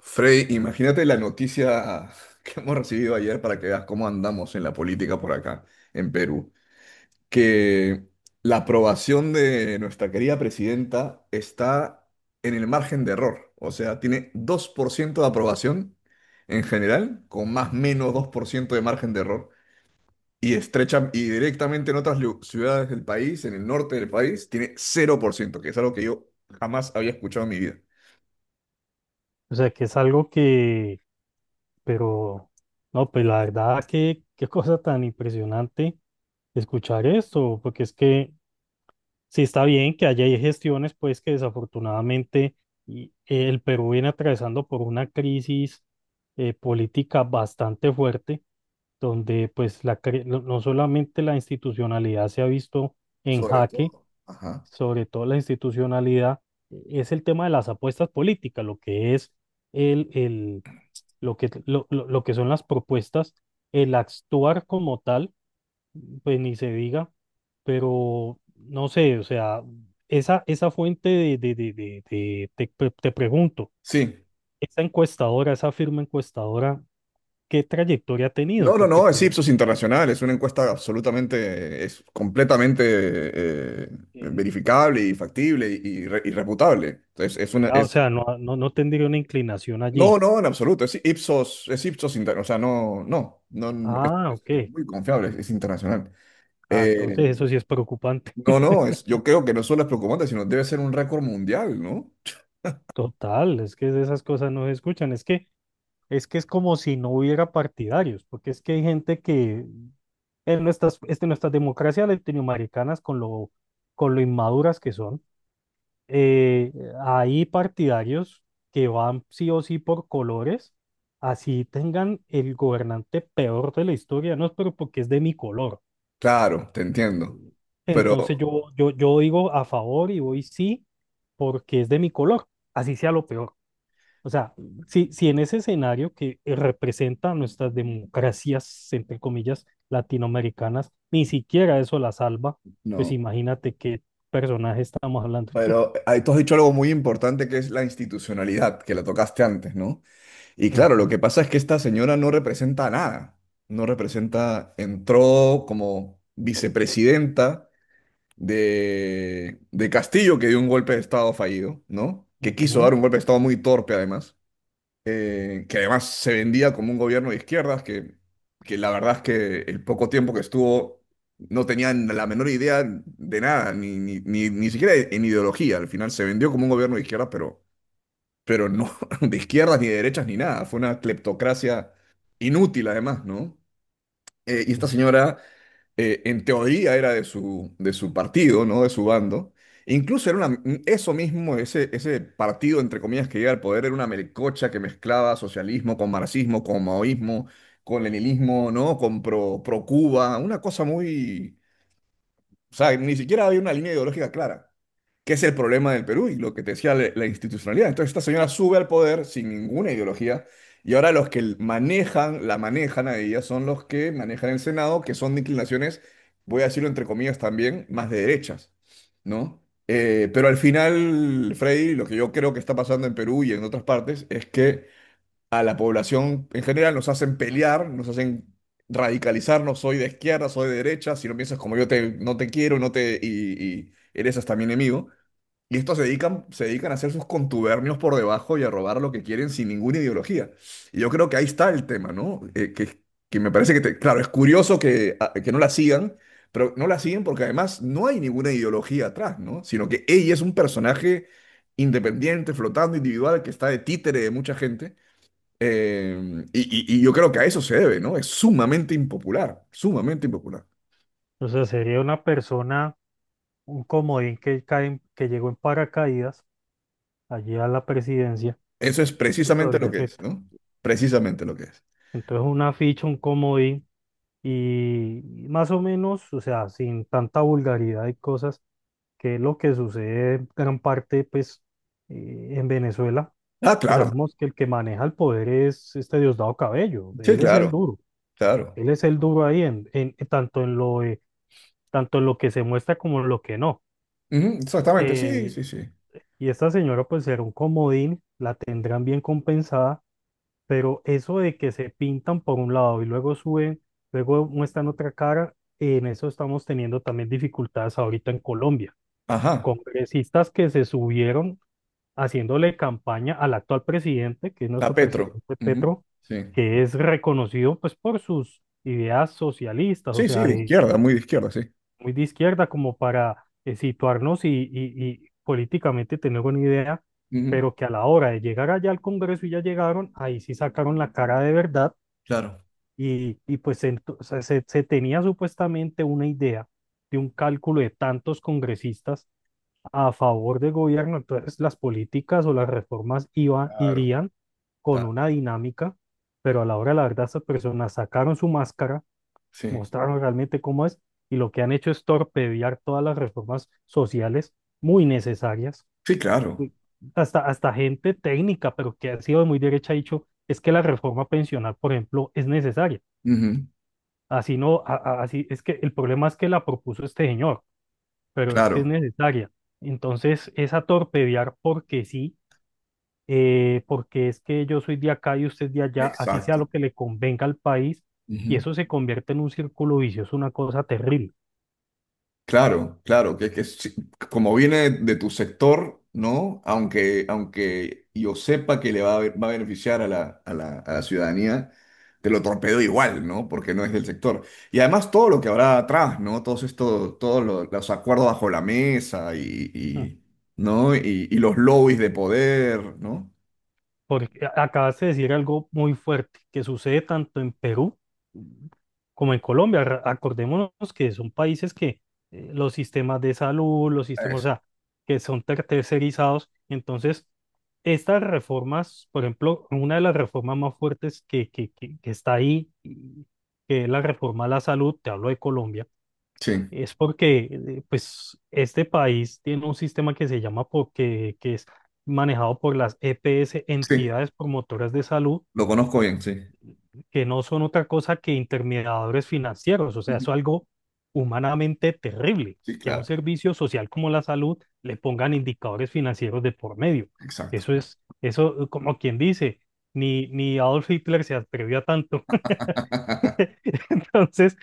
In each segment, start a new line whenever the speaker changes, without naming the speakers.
Frey, imagínate la noticia que hemos recibido ayer para que veas cómo andamos en la política por acá, en Perú, que la aprobación de nuestra querida presidenta está en el margen de error, o sea, tiene 2% de aprobación en general, con más o menos 2% de margen de error, y estrecha y directamente en otras ciudades del país, en el norte del país, tiene cero por ciento. Que es algo que yo jamás había escuchado en mi vida,
O sea, que es algo que, pero, no, pues la verdad, que qué cosa tan impresionante escuchar esto, porque es que sí está bien que haya gestiones, pues que desafortunadamente el Perú viene atravesando por una crisis política bastante fuerte, donde pues no solamente la institucionalidad se ha visto en
sobre
jaque,
todo. Ajá.
sobre todo la institucionalidad. Es el tema de las apuestas políticas, lo que es lo que son las propuestas, el actuar como tal, pues ni se diga, pero no sé, o sea, esa fuente de te pregunto,
Sí,
esa encuestadora, esa firma encuestadora, ¿qué trayectoria ha tenido?
no, no,
Porque
no, es
pues,
Ipsos Internacional, es una encuesta absolutamente, es completamente eh,
eh,
verificable y factible y, y reputable. Entonces es una,
ah, o
es,
sea, no tendría una inclinación allí.
no, no, en absoluto, es Ipsos Internacional, o sea, no, no, no, es,
Ah,
es
ok.
muy confiable, es internacional.
Ah, entonces
Eh,
eso sí es preocupante.
no, no, es, yo creo que no solo es preocupante, sino debe ser un récord mundial, ¿no?
Total, es que esas cosas no se escuchan. Es que es como si no hubiera partidarios, porque es que hay gente que en nuestras democracias latinoamericanas, con lo inmaduras que son, eh, hay partidarios que van sí o sí por colores, así tengan el gobernante peor de la historia, no, pero porque es de mi color.
Claro, te entiendo,
Entonces
pero
yo digo a favor y voy sí porque es de mi color, así sea lo peor. O sea, si en ese escenario que representa nuestras democracias, entre comillas, latinoamericanas, ni siquiera eso la salva, pues
no,
imagínate qué personaje estamos hablando.
pero ahí tú has dicho algo muy importante que es la institucionalidad, que la tocaste antes, ¿no? Y claro, lo
Ujú,
que pasa es que esta señora no representa nada. No representa, entró como vicepresidenta de Castillo, que dio un golpe de Estado fallido, ¿no? Que quiso dar
ujú.
un golpe de Estado muy torpe, además. Que además se vendía como un gobierno de izquierdas, que la verdad es que el poco tiempo que estuvo no tenían la menor idea de nada, ni, ni, ni, ni siquiera en ideología. Al final se vendió como un gobierno de izquierdas, pero no de izquierdas ni de derechas ni nada. Fue una cleptocracia inútil además, ¿no? Y esta
Sí.
señora, en teoría, era de su partido, ¿no? De su bando. E incluso era una, eso mismo, ese partido, entre comillas, que llega al poder, era una melcocha que mezclaba socialismo con marxismo, con maoísmo, con leninismo, ¿no? Con pro, pro Cuba, una cosa muy… O sea, ni siquiera había una línea ideológica clara que es el problema del Perú y lo que te decía la, la institucionalidad. Entonces esta señora sube al poder sin ninguna ideología y ahora los que manejan, la manejan a ella son los que manejan el Senado, que son de inclinaciones, voy a decirlo entre comillas también, más de derechas, ¿no? Pero al final, Freddy, lo que yo creo que está pasando en Perú y en otras partes es que a la población en general nos hacen pelear, nos hacen radicalizarnos, soy de izquierda, soy de derecha, si no piensas como yo te, no te quiero, no te, y eres hasta mi enemigo. Y estos se dedican a hacer sus contubernios por debajo y a robar lo que quieren sin ninguna ideología. Y yo creo que ahí está el tema, ¿no? Que me parece que, claro, es curioso que, que no la sigan, pero no la siguen porque además no hay ninguna ideología atrás, ¿no? Sino que ella es un personaje independiente, flotando, individual, que está de títere de mucha gente. Y, y yo creo que a eso se debe, ¿no? Es sumamente impopular, sumamente impopular.
O sea, sería una persona, un comodín que, cae, que llegó en paracaídas allí a la presidencia
Eso es precisamente
por
lo que es,
defecto.
¿no? Precisamente lo que es.
Entonces, una ficha, un comodín, y más o menos, o sea, sin tanta vulgaridad y cosas que es lo que sucede en gran parte pues en Venezuela,
Ah,
que
claro.
sabemos que el que maneja el poder es este Diosdado Cabello,
Sí,
él es el
claro.
duro,
Claro.
él es el duro ahí tanto en tanto en lo que se muestra como en lo que no.
Ujú, exactamente, sí,
Eh,
sí, sí.
y esta señora pues será un comodín, la tendrán bien compensada, pero eso de que se pintan por un lado y luego suben, luego muestran otra cara, en eso estamos teniendo también dificultades ahorita en Colombia.
Ajá.
Congresistas que se subieron haciéndole campaña al actual presidente, que es
A
nuestro
Petro.
presidente
Ujú,
Petro,
sí.
que es reconocido pues por sus ideas socialistas, o
Sí, sí,
sea,
de izquierda, muy de izquierda, sí.
muy de izquierda como para situarnos y políticamente tener una idea,
Ujú.
pero que a la hora de llegar allá al Congreso y ya llegaron, ahí sí sacaron la cara de verdad
Claro.
pues o sea, se tenía supuestamente una idea de un cálculo de tantos congresistas a favor del gobierno, entonces las políticas o las reformas
Claro.
irían con
ta-
una dinámica, pero a la hora de la verdad estas personas sacaron su máscara,
Sí.
mostraron realmente cómo es y lo que han hecho es torpedear todas las reformas sociales muy necesarias.
Sí, claro.
Uy, hasta gente técnica, pero que ha sido de muy derecha, ha dicho, es que la reforma pensional, por ejemplo, es necesaria.
Ujú,
Así no, así es que el problema es que la propuso este señor pero es que es
claro.
necesaria. Entonces, esa torpedear porque sí, porque es que yo soy de acá y usted de allá, así sea lo
Exacto.
que le convenga al país, y
Ujú.
eso se convierte en un círculo vicioso, una cosa terrible.
Claro, claro, que sí, como viene de tu sector, ¿no? Aunque, aunque yo sepa que le va a, va a beneficiar a la, a la, a la ciudadanía, te lo torpedo igual, ¿no? Porque no es del sector. Y además todo lo que habrá atrás, ¿no? Todos estos, todos los, acuerdos bajo la mesa y, ¿no? Y los lobbies de poder, ¿no?
Porque acabas de decir algo muy fuerte que sucede tanto en Perú como en Colombia. Acordémonos que son países que los sistemas de salud, los sistemas, o
Eso.
sea, que son tercerizados. Entonces, estas reformas, por ejemplo, una de las reformas más fuertes que está ahí, que es la reforma a la salud, te hablo de Colombia
Sí,
es porque, pues, este país tiene un sistema que se llama porque, que es manejado por las EPS,
sí,
entidades promotoras de salud,
lo conozco bien, sí.
que no son otra cosa que intermediadores financieros. O sea, es
Ujú.
algo humanamente terrible
Sí,
que a un
claro,
servicio social como la salud le pongan indicadores financieros de por medio.
exacto.
Eso es, eso, como quien dice, ni Adolf Hitler se atrevió a tanto. Entonces,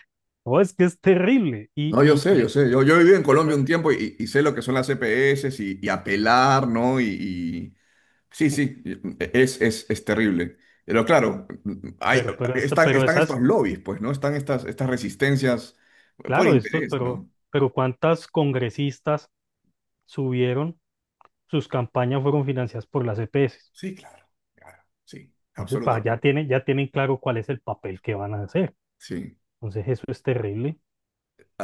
no, es que es terrible.
No, yo sé, yo sé. Yo viví en
Y
Colombia
esa-
un tiempo y sé lo que son las EPS y apelar, ¿no? Y- sí, sí, es terrible. Pero claro, hay,
Pero,
están,
pero
están
esas,
estos lobbies, pues, ¿no? Están estas, estas resistencias por
claro, estos,
interés, ¿no?
pero ¿cuántas congresistas subieron? Sus campañas fueron financiadas por las EPS.
Sí, claro, claro, sí,
Entonces, pa,
absolutamente.
ya tienen claro cuál es el papel que van a hacer.
Sí.
Entonces, eso es terrible.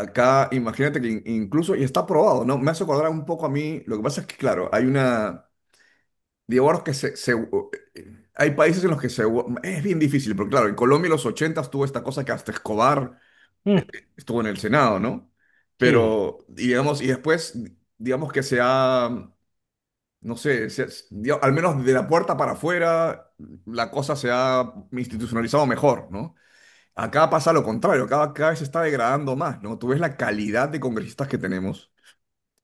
Acá, imagínate que incluso, y está aprobado, ¿no? Me hace acordar un poco a mí, lo que pasa es que, claro, hay una… Divorcios que se, Hay países en los que se… Es bien difícil, porque claro, en Colombia en los 80 tuvo esta cosa que hasta Escobar eh,
Mm,
estuvo en el Senado, ¿no?
sí,
Pero, y digamos, y después, digamos que se ha, no sé, al menos de la puerta para afuera, la cosa se ha institucionalizado mejor, ¿no? Acá pasa lo contrario, cada, cada vez se está degradando más, ¿no? Tú ves la calidad de congresistas que tenemos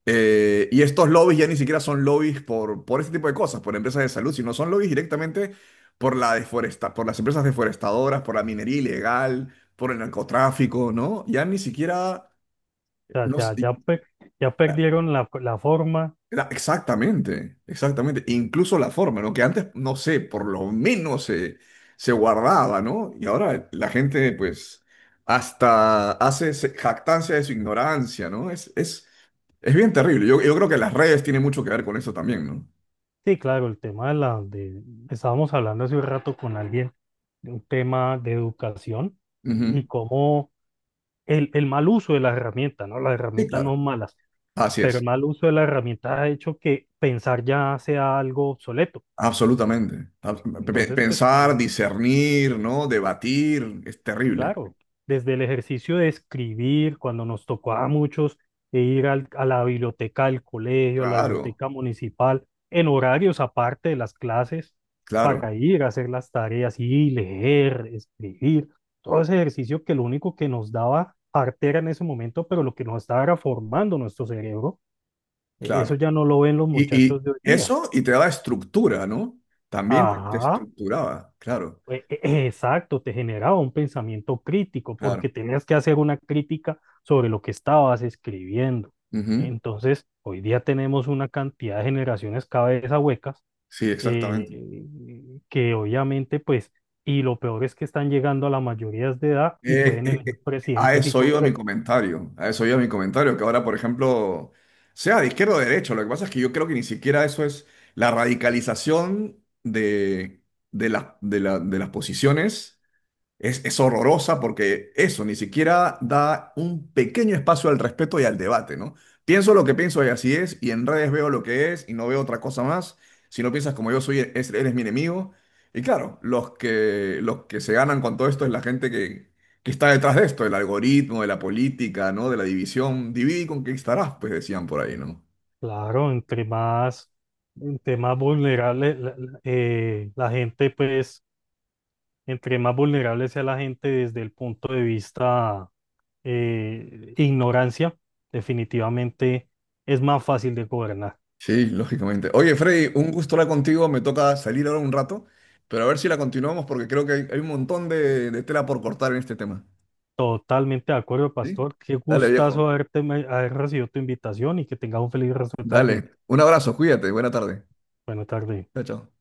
y estos lobbies ya ni siquiera son lobbies por este tipo de cosas, por empresas de salud, sino son lobbies directamente por la deforesta, por las empresas deforestadoras, por la minería ilegal, por el narcotráfico, ¿no? Ya ni siquiera… No, sé,
ya, ya
la-
perdieron la, la forma.
exactamente, exactamente. Incluso la forma, ¿no? Que antes, no sé, por lo menos se, se guardaba, ¿no? Y ahora la gente, pues, hasta hace jactancia de su ignorancia, ¿no? Es bien terrible. Yo creo que las redes tienen mucho que ver con eso también, ¿no?
Sí, claro, el tema de estábamos hablando hace un rato con alguien de un tema de educación y
Ujú.
cómo el mal uso de las herramientas, ¿no? Las
Sí,
herramientas no
claro.
son malas
Así
pero el
es.
mal uso de la herramienta ha hecho que pensar ya sea algo obsoleto.
Absolutamente.
Entonces, pues
Pensar,
tenemos,
discernir, ¿no? Debatir, es terrible.
claro, desde el ejercicio de escribir, cuando nos tocó a muchos e ir a la biblioteca del colegio, a la
Claro,
biblioteca municipal, en horarios aparte de las clases,
claro,
para ir a hacer las tareas y leer, escribir, todo ese ejercicio que lo único que nos daba artera en ese momento, pero lo que nos estaba era formando nuestro cerebro, eso
claro.
ya no lo ven los muchachos
Y
de hoy día.
eso, y te daba estructura, ¿no? También te
Ajá,
estructuraba, claro,
pues, exacto, te generaba un pensamiento crítico
claro.
porque tenías que hacer una crítica sobre lo que estabas escribiendo.
Ujú.
Entonces, hoy día tenemos una cantidad de generaciones cabeza huecas
Sí, exactamente.
eh, que obviamente, pues, y lo peor es que están llegando a la mayoría de edad y
Eh,
pueden
eh,
elegir
eh, a
presidentes y
eso iba mi
congresos.
comentario, a eso iba mi comentario, que ahora, por ejemplo, sea de izquierda o de derecha, lo que pasa es que yo creo que ni siquiera eso es la radicalización de, de las posiciones. Es horrorosa porque eso ni siquiera da un pequeño espacio al respeto y al debate, ¿no? Pienso lo que pienso y así es, y en redes veo lo que es y no veo otra cosa más. Si no piensas como yo soy, eres mi enemigo. Y claro, los que se ganan con todo esto es la gente que está detrás de esto, del algoritmo, de la política, ¿no? De la división. Divide y conquistarás, pues decían por ahí, ¿no?
Claro, entre más vulnerable la gente, pues, entre más vulnerable sea la gente desde el punto de vista ignorancia, definitivamente es más fácil de gobernar.
Sí, lógicamente. Oye, Freddy, un gusto hablar contigo. Me toca salir ahora un rato, pero a ver si la continuamos porque creo que hay un montón de tela por cortar en este tema.
Totalmente de acuerdo,
¿Sí?
pastor. Qué
Dale, viejo.
gustazo haberte, haber recibido tu invitación y que tengas un feliz resto de tarde.
Dale. Un abrazo, cuídate. Buena tarde.
Buena tarde.
Chao, chao.